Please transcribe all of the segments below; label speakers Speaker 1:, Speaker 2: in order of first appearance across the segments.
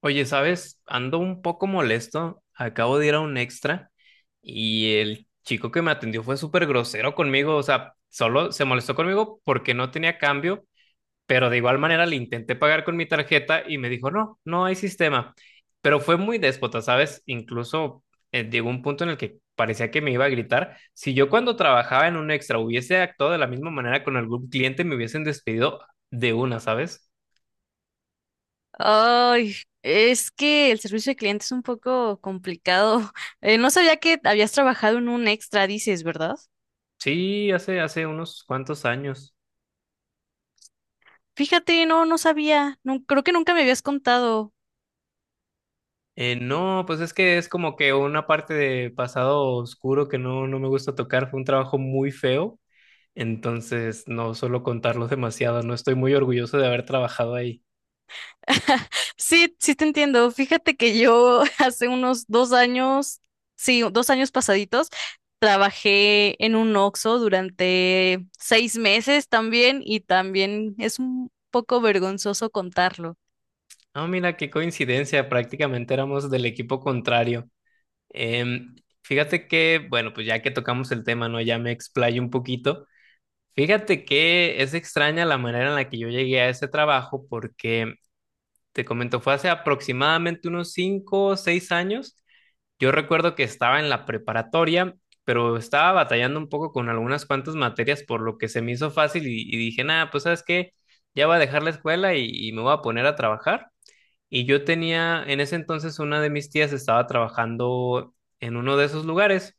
Speaker 1: Oye, ¿sabes? Ando un poco molesto. Acabo de ir a un extra y el chico que me atendió fue súper grosero conmigo. O sea, solo se molestó conmigo porque no tenía cambio, pero de igual manera le intenté pagar con mi tarjeta y me dijo, no, no hay sistema. Pero fue muy déspota, ¿sabes? Incluso llegó un punto en el que parecía que me iba a gritar. Si yo cuando trabajaba en un extra hubiese actuado de la misma manera con algún cliente, me hubiesen despedido de una, ¿sabes?
Speaker 2: Ay, es que el servicio de cliente es un poco complicado. No sabía que habías trabajado en un extra, dices, ¿verdad?
Speaker 1: Sí, hace unos cuantos años.
Speaker 2: Fíjate, no sabía. No, creo que nunca me habías contado.
Speaker 1: No, pues es que es como que una parte de pasado oscuro que no me gusta tocar. Fue un trabajo muy feo, entonces no suelo contarlo demasiado. No estoy muy orgulloso de haber trabajado ahí.
Speaker 2: Sí, sí te entiendo. Fíjate que yo hace unos 2 años, sí, 2 años pasaditos, trabajé en un Oxxo durante 6 meses también y también es un poco vergonzoso contarlo.
Speaker 1: Ah, mira, qué coincidencia, prácticamente éramos del equipo contrario. Em, Fíjate que, bueno, pues ya que tocamos el tema, ¿no? Ya me explayo un poquito. Fíjate que es extraña la manera en la que yo llegué a ese trabajo porque, te comento, fue hace aproximadamente unos 5 o 6 años. Yo recuerdo que estaba en la preparatoria, pero estaba batallando un poco con algunas cuantas materias, por lo que se me hizo fácil y, dije, nada, pues sabes qué, ya voy a dejar la escuela y, me voy a poner a trabajar. Y yo tenía, en ese entonces, una de mis tías estaba trabajando en uno de esos lugares.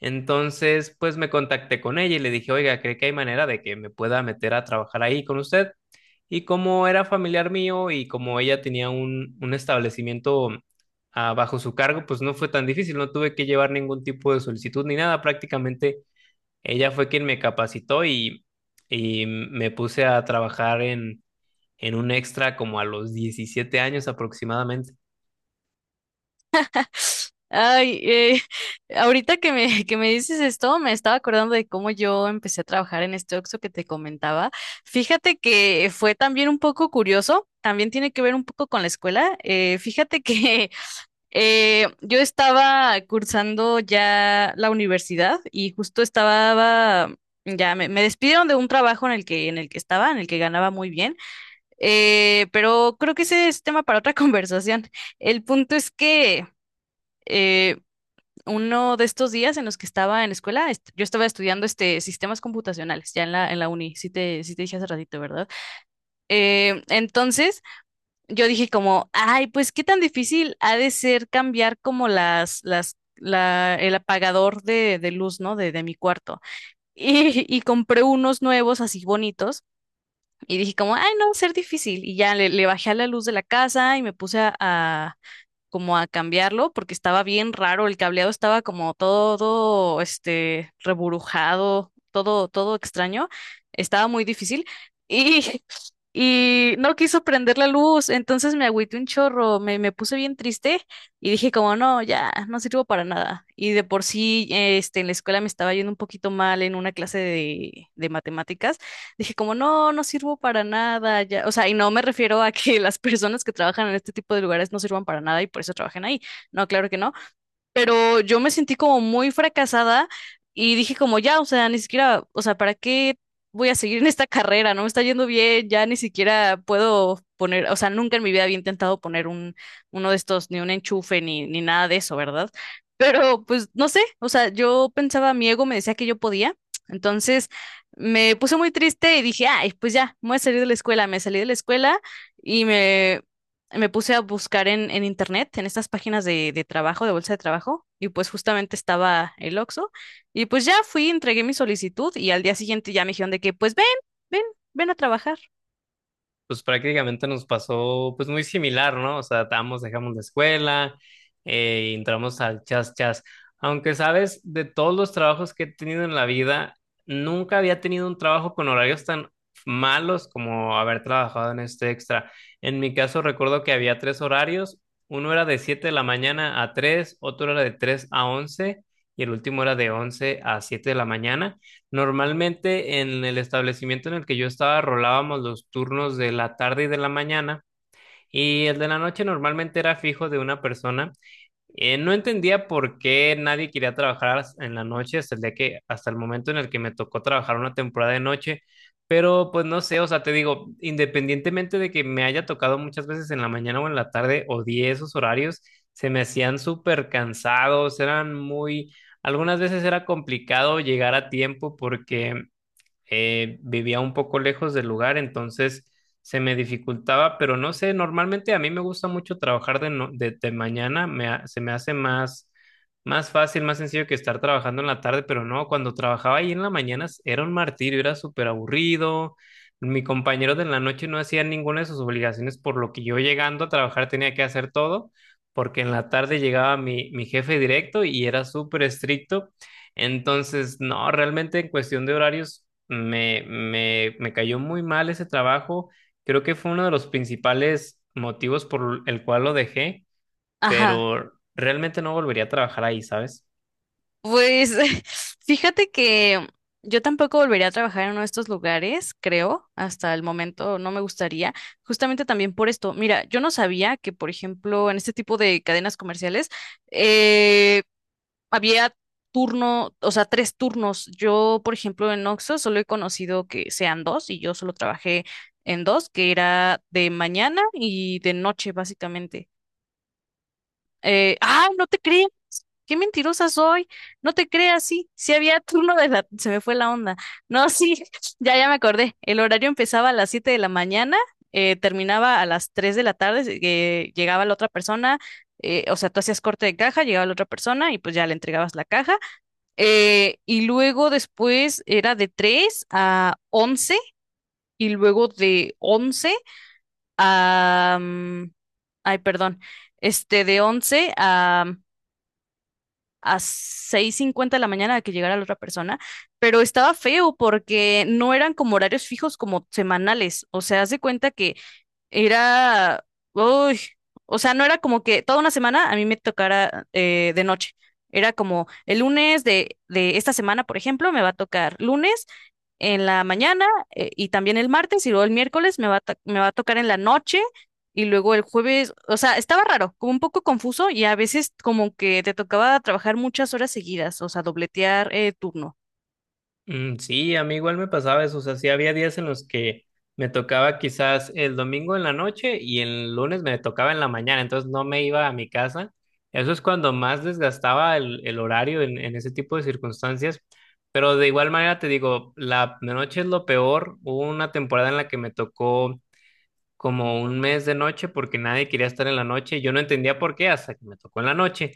Speaker 1: Entonces, pues me contacté con ella y le dije, oiga, ¿cree que hay manera de que me pueda meter a trabajar ahí con usted? Y como era familiar mío y como ella tenía un, establecimiento bajo su cargo, pues no fue tan difícil, no tuve que llevar ningún tipo de solicitud ni nada. Prácticamente ella fue quien me capacitó y, me puse a trabajar en un extra como a los 17 años aproximadamente.
Speaker 2: Ay, ahorita que me dices esto, me estaba acordando de cómo yo empecé a trabajar en este Oxxo que te comentaba. Fíjate que fue también un poco curioso, también tiene que ver un poco con la escuela. Fíjate que yo estaba cursando ya la universidad y justo ya me despidieron de un trabajo en el que estaba, en el que ganaba muy bien. Pero creo que ese es tema para otra conversación. El punto es que... eh, uno de estos días en los que estaba en la escuela, yo estaba estudiando este, sistemas computacionales, ya en en la uni, sí te dije hace ratito, ¿verdad? Entonces, yo dije como, ay, pues qué tan difícil ha de ser cambiar como el apagador de luz, ¿no? De mi cuarto. Y compré unos nuevos así bonitos y dije como, ay, no, va a ser difícil. Y ya le bajé a la luz de la casa y me puse a como a cambiarlo porque estaba bien raro, el cableado estaba como todo, este, reburujado, todo extraño, estaba muy difícil y y no quiso prender la luz, entonces me agüité un chorro, me puse bien triste y dije como no, ya, no sirvo para nada. Y de por sí, este, en la escuela me estaba yendo un poquito mal en una clase de matemáticas, dije como, no, no sirvo para nada, ya, o sea, y no me refiero a que las personas que trabajan en este tipo de lugares no sirvan para nada y por eso trabajen ahí, no, claro que no, pero yo me sentí como muy fracasada y dije como ya, o sea, ni siquiera, o sea, ¿para qué voy a seguir en esta carrera? No me está yendo bien, ya ni siquiera puedo poner, o sea, nunca en mi vida había intentado poner uno de estos, ni un enchufe, ni nada de eso, ¿verdad? Pero pues no sé, o sea, yo pensaba, mi ego me decía que yo podía, entonces me puse muy triste y dije, ay, pues ya, me voy a salir de la escuela, me salí de la escuela y me, me puse a buscar en internet, en estas páginas de trabajo, de bolsa de trabajo, y pues justamente estaba el Oxxo, y pues ya fui, entregué mi solicitud, y al día siguiente ya me dijeron de que, pues ven, ven, ven a trabajar.
Speaker 1: Pues prácticamente nos pasó pues muy similar, ¿no? O sea, estábamos, dejamos la escuela, y entramos al chas chas. Aunque sabes, de todos los trabajos que he tenido en la vida, nunca había tenido un trabajo con horarios tan malos como haber trabajado en este extra. En mi caso recuerdo que había tres horarios, uno era de 7 de la mañana a 3, otro era de 3 a 11 y el último era de 11 a 7 de la mañana. Normalmente en el establecimiento en el que yo estaba rolábamos los turnos de la tarde y de la mañana, y el de la noche normalmente era fijo de una persona. No entendía por qué nadie quería trabajar en la noche hasta el día que, hasta el momento en el que me tocó trabajar una temporada de noche, pero pues no sé, o sea, te digo, independientemente de que me haya tocado muchas veces en la mañana o en la tarde, odié esos horarios, se me hacían súper cansados, eran muy... Algunas veces era complicado llegar a tiempo porque vivía un poco lejos del lugar, entonces se me dificultaba, pero no sé, normalmente a mí me gusta mucho trabajar de, no- de mañana, se me hace más, más fácil, más sencillo que estar trabajando en la tarde, pero no, cuando trabajaba ahí en la mañana era un martirio, era súper aburrido, mi compañero de la noche no hacía ninguna de sus obligaciones, por lo que yo llegando a trabajar tenía que hacer todo. Porque en la tarde llegaba mi, jefe directo y era súper estricto, entonces, no, realmente en cuestión de horarios me cayó muy mal ese trabajo. Creo que fue uno de los principales motivos por el cual lo dejé,
Speaker 2: Ajá,
Speaker 1: pero realmente no volvería a trabajar ahí, ¿sabes?
Speaker 2: pues fíjate que yo tampoco volvería a trabajar en uno de estos lugares, creo, hasta el momento no me gustaría, justamente también por esto. Mira, yo no sabía que, por ejemplo, en este tipo de cadenas comerciales, eh, había turno, o sea, tres turnos. Yo, por ejemplo, en Oxxo solo he conocido que sean dos y yo solo trabajé en dos, que era de mañana y de noche, básicamente. No te creas, qué mentirosa soy. No te creas, sí, sí había turno de la, se me fue la onda. No, sí, ya, ya me acordé. El horario empezaba a las 7 de la mañana, terminaba a las 3 de la tarde, llegaba la otra persona. O sea, tú hacías corte de caja, llegaba la otra persona y pues ya le entregabas la caja, y luego después era de 3 a 11 y luego de 11 a... ay, perdón. Este, de 11 a, a 6:50 de la mañana a que llegara la otra persona. Pero estaba feo porque no eran como horarios fijos como semanales. O sea, haz de cuenta que era, uy, o sea, no era como que toda una semana a mí me tocara de noche. Era como el lunes de esta semana, por ejemplo, me va a tocar lunes en la mañana, y también el martes y luego el miércoles me me va a tocar en la noche y luego el jueves, o sea, estaba raro, como un poco confuso y a veces como que te tocaba trabajar muchas horas seguidas, o sea, dobletear turno.
Speaker 1: Mm, sí, a mí igual me pasaba eso, o sea, sí había días en los que me tocaba quizás el domingo en la noche y el lunes me tocaba en la mañana, entonces no me iba a mi casa. Eso es cuando más desgastaba el, horario en, ese tipo de circunstancias, pero de igual manera te digo, la noche es lo peor. Hubo una temporada en la que me tocó como un mes de noche porque nadie quería estar en la noche. Yo no entendía por qué hasta que me tocó en la noche,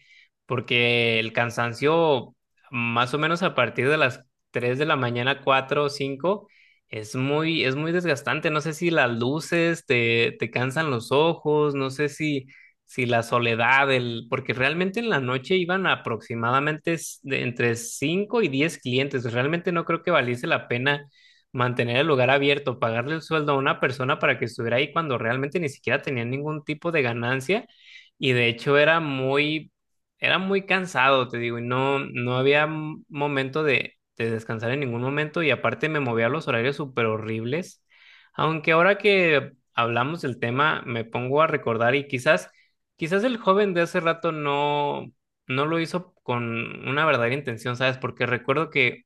Speaker 1: porque el cansancio, más o menos a partir de las 3 de la mañana, 4 o 5, es muy desgastante. No sé si las luces te, cansan los ojos, no sé si, si la soledad, el, porque realmente en la noche iban aproximadamente de entre 5 y 10 clientes. Realmente no creo que valiese la pena mantener el lugar abierto, pagarle el sueldo a una persona para que estuviera ahí cuando realmente ni siquiera tenía ningún tipo de ganancia y de hecho era muy cansado, te digo, y no había momento de, descansar en ningún momento y aparte me movía a los horarios súper horribles, aunque ahora que hablamos del tema me pongo a recordar y quizás, quizás el joven de hace rato no... No lo hizo con una verdadera intención, ¿sabes? Porque recuerdo que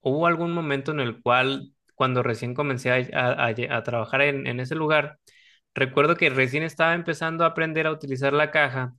Speaker 1: hubo algún momento en el cual, cuando recién comencé a trabajar en, ese lugar, recuerdo que recién estaba empezando a aprender a utilizar la caja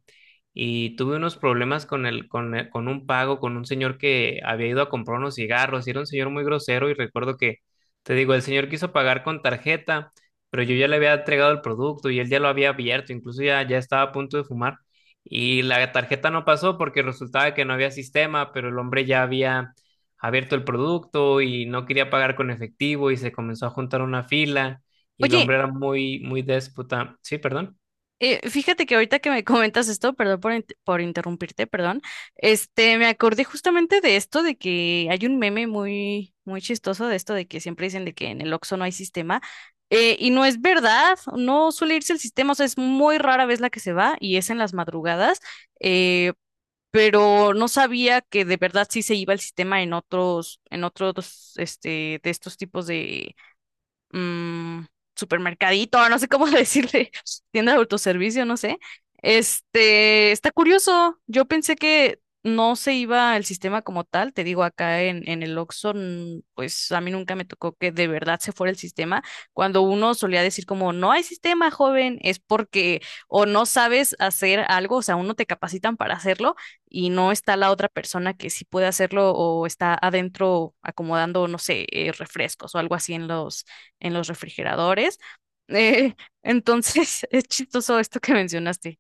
Speaker 1: y tuve unos problemas con un pago, con un señor que había ido a comprar unos cigarros, y era un señor muy grosero y recuerdo que, te digo, el señor quiso pagar con tarjeta, pero yo ya le había entregado el producto y él ya lo había abierto, incluso ya estaba a punto de fumar y la tarjeta no pasó porque resultaba que no había sistema, pero el hombre ya había abierto el producto y no quería pagar con efectivo y se comenzó a juntar una fila y el
Speaker 2: Oye,
Speaker 1: hombre era muy, muy déspota. Sí, perdón.
Speaker 2: Fíjate que ahorita que me comentas esto, perdón por interrumpirte, perdón, este, me acordé justamente de esto, de que hay un meme muy, muy chistoso de esto, de que siempre dicen de que en el Oxxo no hay sistema, y no es verdad, no suele irse el sistema, o sea, es muy rara vez la que se va, y es en las madrugadas, eh, pero no sabía que de verdad sí se iba el sistema en otros, este, de estos tipos, mm, supermercadito, no sé cómo decirle, tienda de autoservicio, no sé. Este, está curioso. Yo pensé que no se iba el sistema como tal. Te digo, acá en el Oxxo, pues a mí nunca me tocó que de verdad se fuera el sistema. Cuando uno solía decir como, no hay sistema, joven, es porque o no sabes hacer algo, o sea, uno te capacitan para hacerlo y no está la otra persona que sí puede hacerlo o está adentro acomodando, no sé, refrescos o algo así en los refrigeradores. Eh, entonces, es chistoso esto que mencionaste.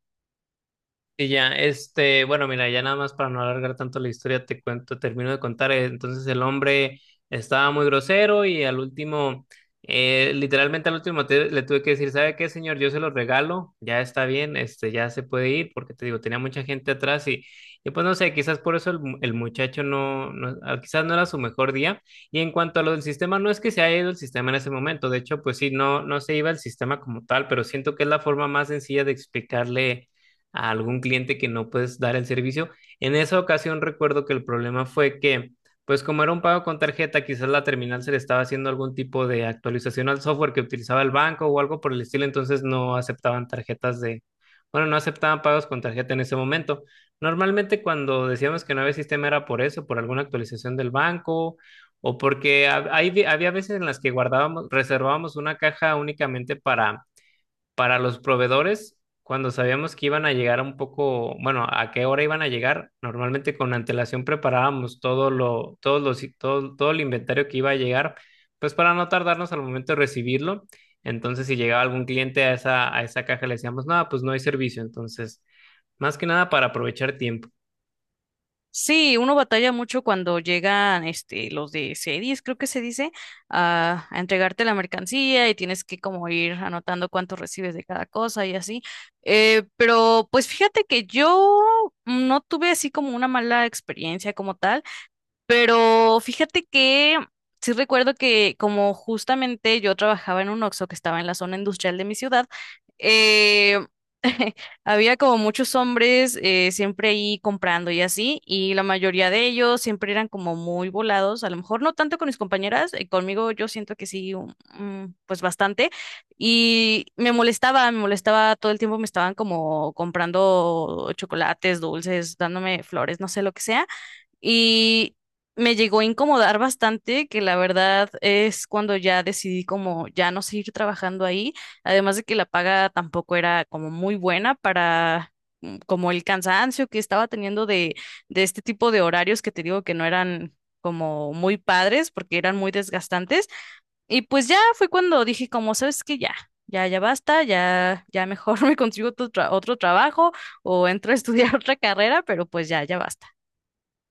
Speaker 1: Y ya, este, bueno, mira, ya nada más para no alargar tanto la historia, te cuento, termino de contar. Entonces el hombre estaba muy grosero y al último, literalmente al último le tuve que decir, ¿sabe qué, señor? Yo se lo regalo, ya está bien, este, ya se puede ir, porque te digo, tenía mucha gente atrás y, pues no sé, quizás por eso el muchacho quizás no era su mejor día. Y en cuanto a lo del sistema, no es que se haya ido el sistema en ese momento, de hecho, pues sí, no se iba el sistema como tal, pero siento que es la forma más sencilla de explicarle a algún cliente que no puedes dar el servicio. En esa ocasión recuerdo que el problema fue que, pues como era un pago con tarjeta, quizás la terminal se le estaba haciendo algún tipo de actualización al software que utilizaba el banco o algo por el estilo, entonces no aceptaban tarjetas de, bueno, no aceptaban pagos con tarjeta en ese momento. Normalmente cuando decíamos que no había sistema era por eso, por alguna actualización del banco o porque había veces en las que guardábamos, reservábamos una caja únicamente para los proveedores, cuando sabíamos que iban a llegar un poco, bueno, a qué hora iban a llegar, normalmente con antelación preparábamos todo lo, todos los, todo, todo el inventario que iba a llegar, pues para no tardarnos al momento de recibirlo. Entonces, si llegaba algún cliente a esa, caja, le decíamos, no, pues no hay servicio. Entonces, más que nada para aprovechar tiempo.
Speaker 2: Sí, uno batalla mucho cuando llegan este, los de series, creo que se dice, a entregarte la mercancía y tienes que como ir anotando cuánto recibes de cada cosa y así. Pero pues fíjate que yo no tuve así como una mala experiencia como tal. Pero fíjate que sí recuerdo que como justamente yo trabajaba en un Oxxo que estaba en la zona industrial de mi ciudad, eh, había como muchos hombres, siempre ahí comprando y así, y la mayoría de ellos siempre eran como muy volados, a lo mejor no tanto con mis compañeras, conmigo yo siento que sí, pues bastante, y me molestaba todo el tiempo, me estaban como comprando chocolates, dulces, dándome flores, no sé lo que sea. Y me llegó a incomodar bastante, que la verdad es cuando ya decidí como ya no seguir trabajando ahí, además de que la paga tampoco era como muy buena para como el cansancio que estaba teniendo de este tipo de horarios que te digo que no eran como muy padres porque eran muy desgastantes. Y pues ya fue cuando dije como, ¿sabes qué? Ya. Ya, ya basta, ya, ya mejor me consigo otro trabajo o entro a estudiar otra carrera, pero pues ya, ya basta.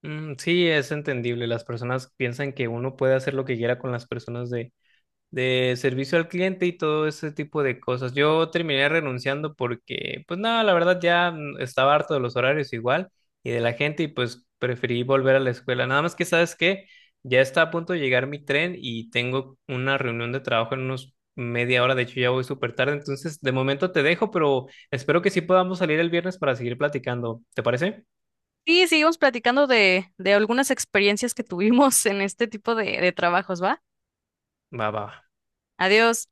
Speaker 1: Mm, sí, es entendible. Las personas piensan que uno puede hacer lo que quiera con las personas de, servicio al cliente y todo ese tipo de cosas. Yo terminé renunciando porque, pues nada, la verdad ya estaba harto de los horarios igual y de la gente y pues preferí volver a la escuela. Nada más que sabes que ya está a punto de llegar mi tren y tengo una reunión de trabajo en unos media hora, de hecho ya voy súper tarde, entonces de momento te dejo, pero espero que sí podamos salir el viernes para seguir platicando. ¿Te parece?
Speaker 2: Sí, seguimos platicando de algunas experiencias que tuvimos en este tipo de trabajos, ¿va?
Speaker 1: Va, va. Va.
Speaker 2: Adiós.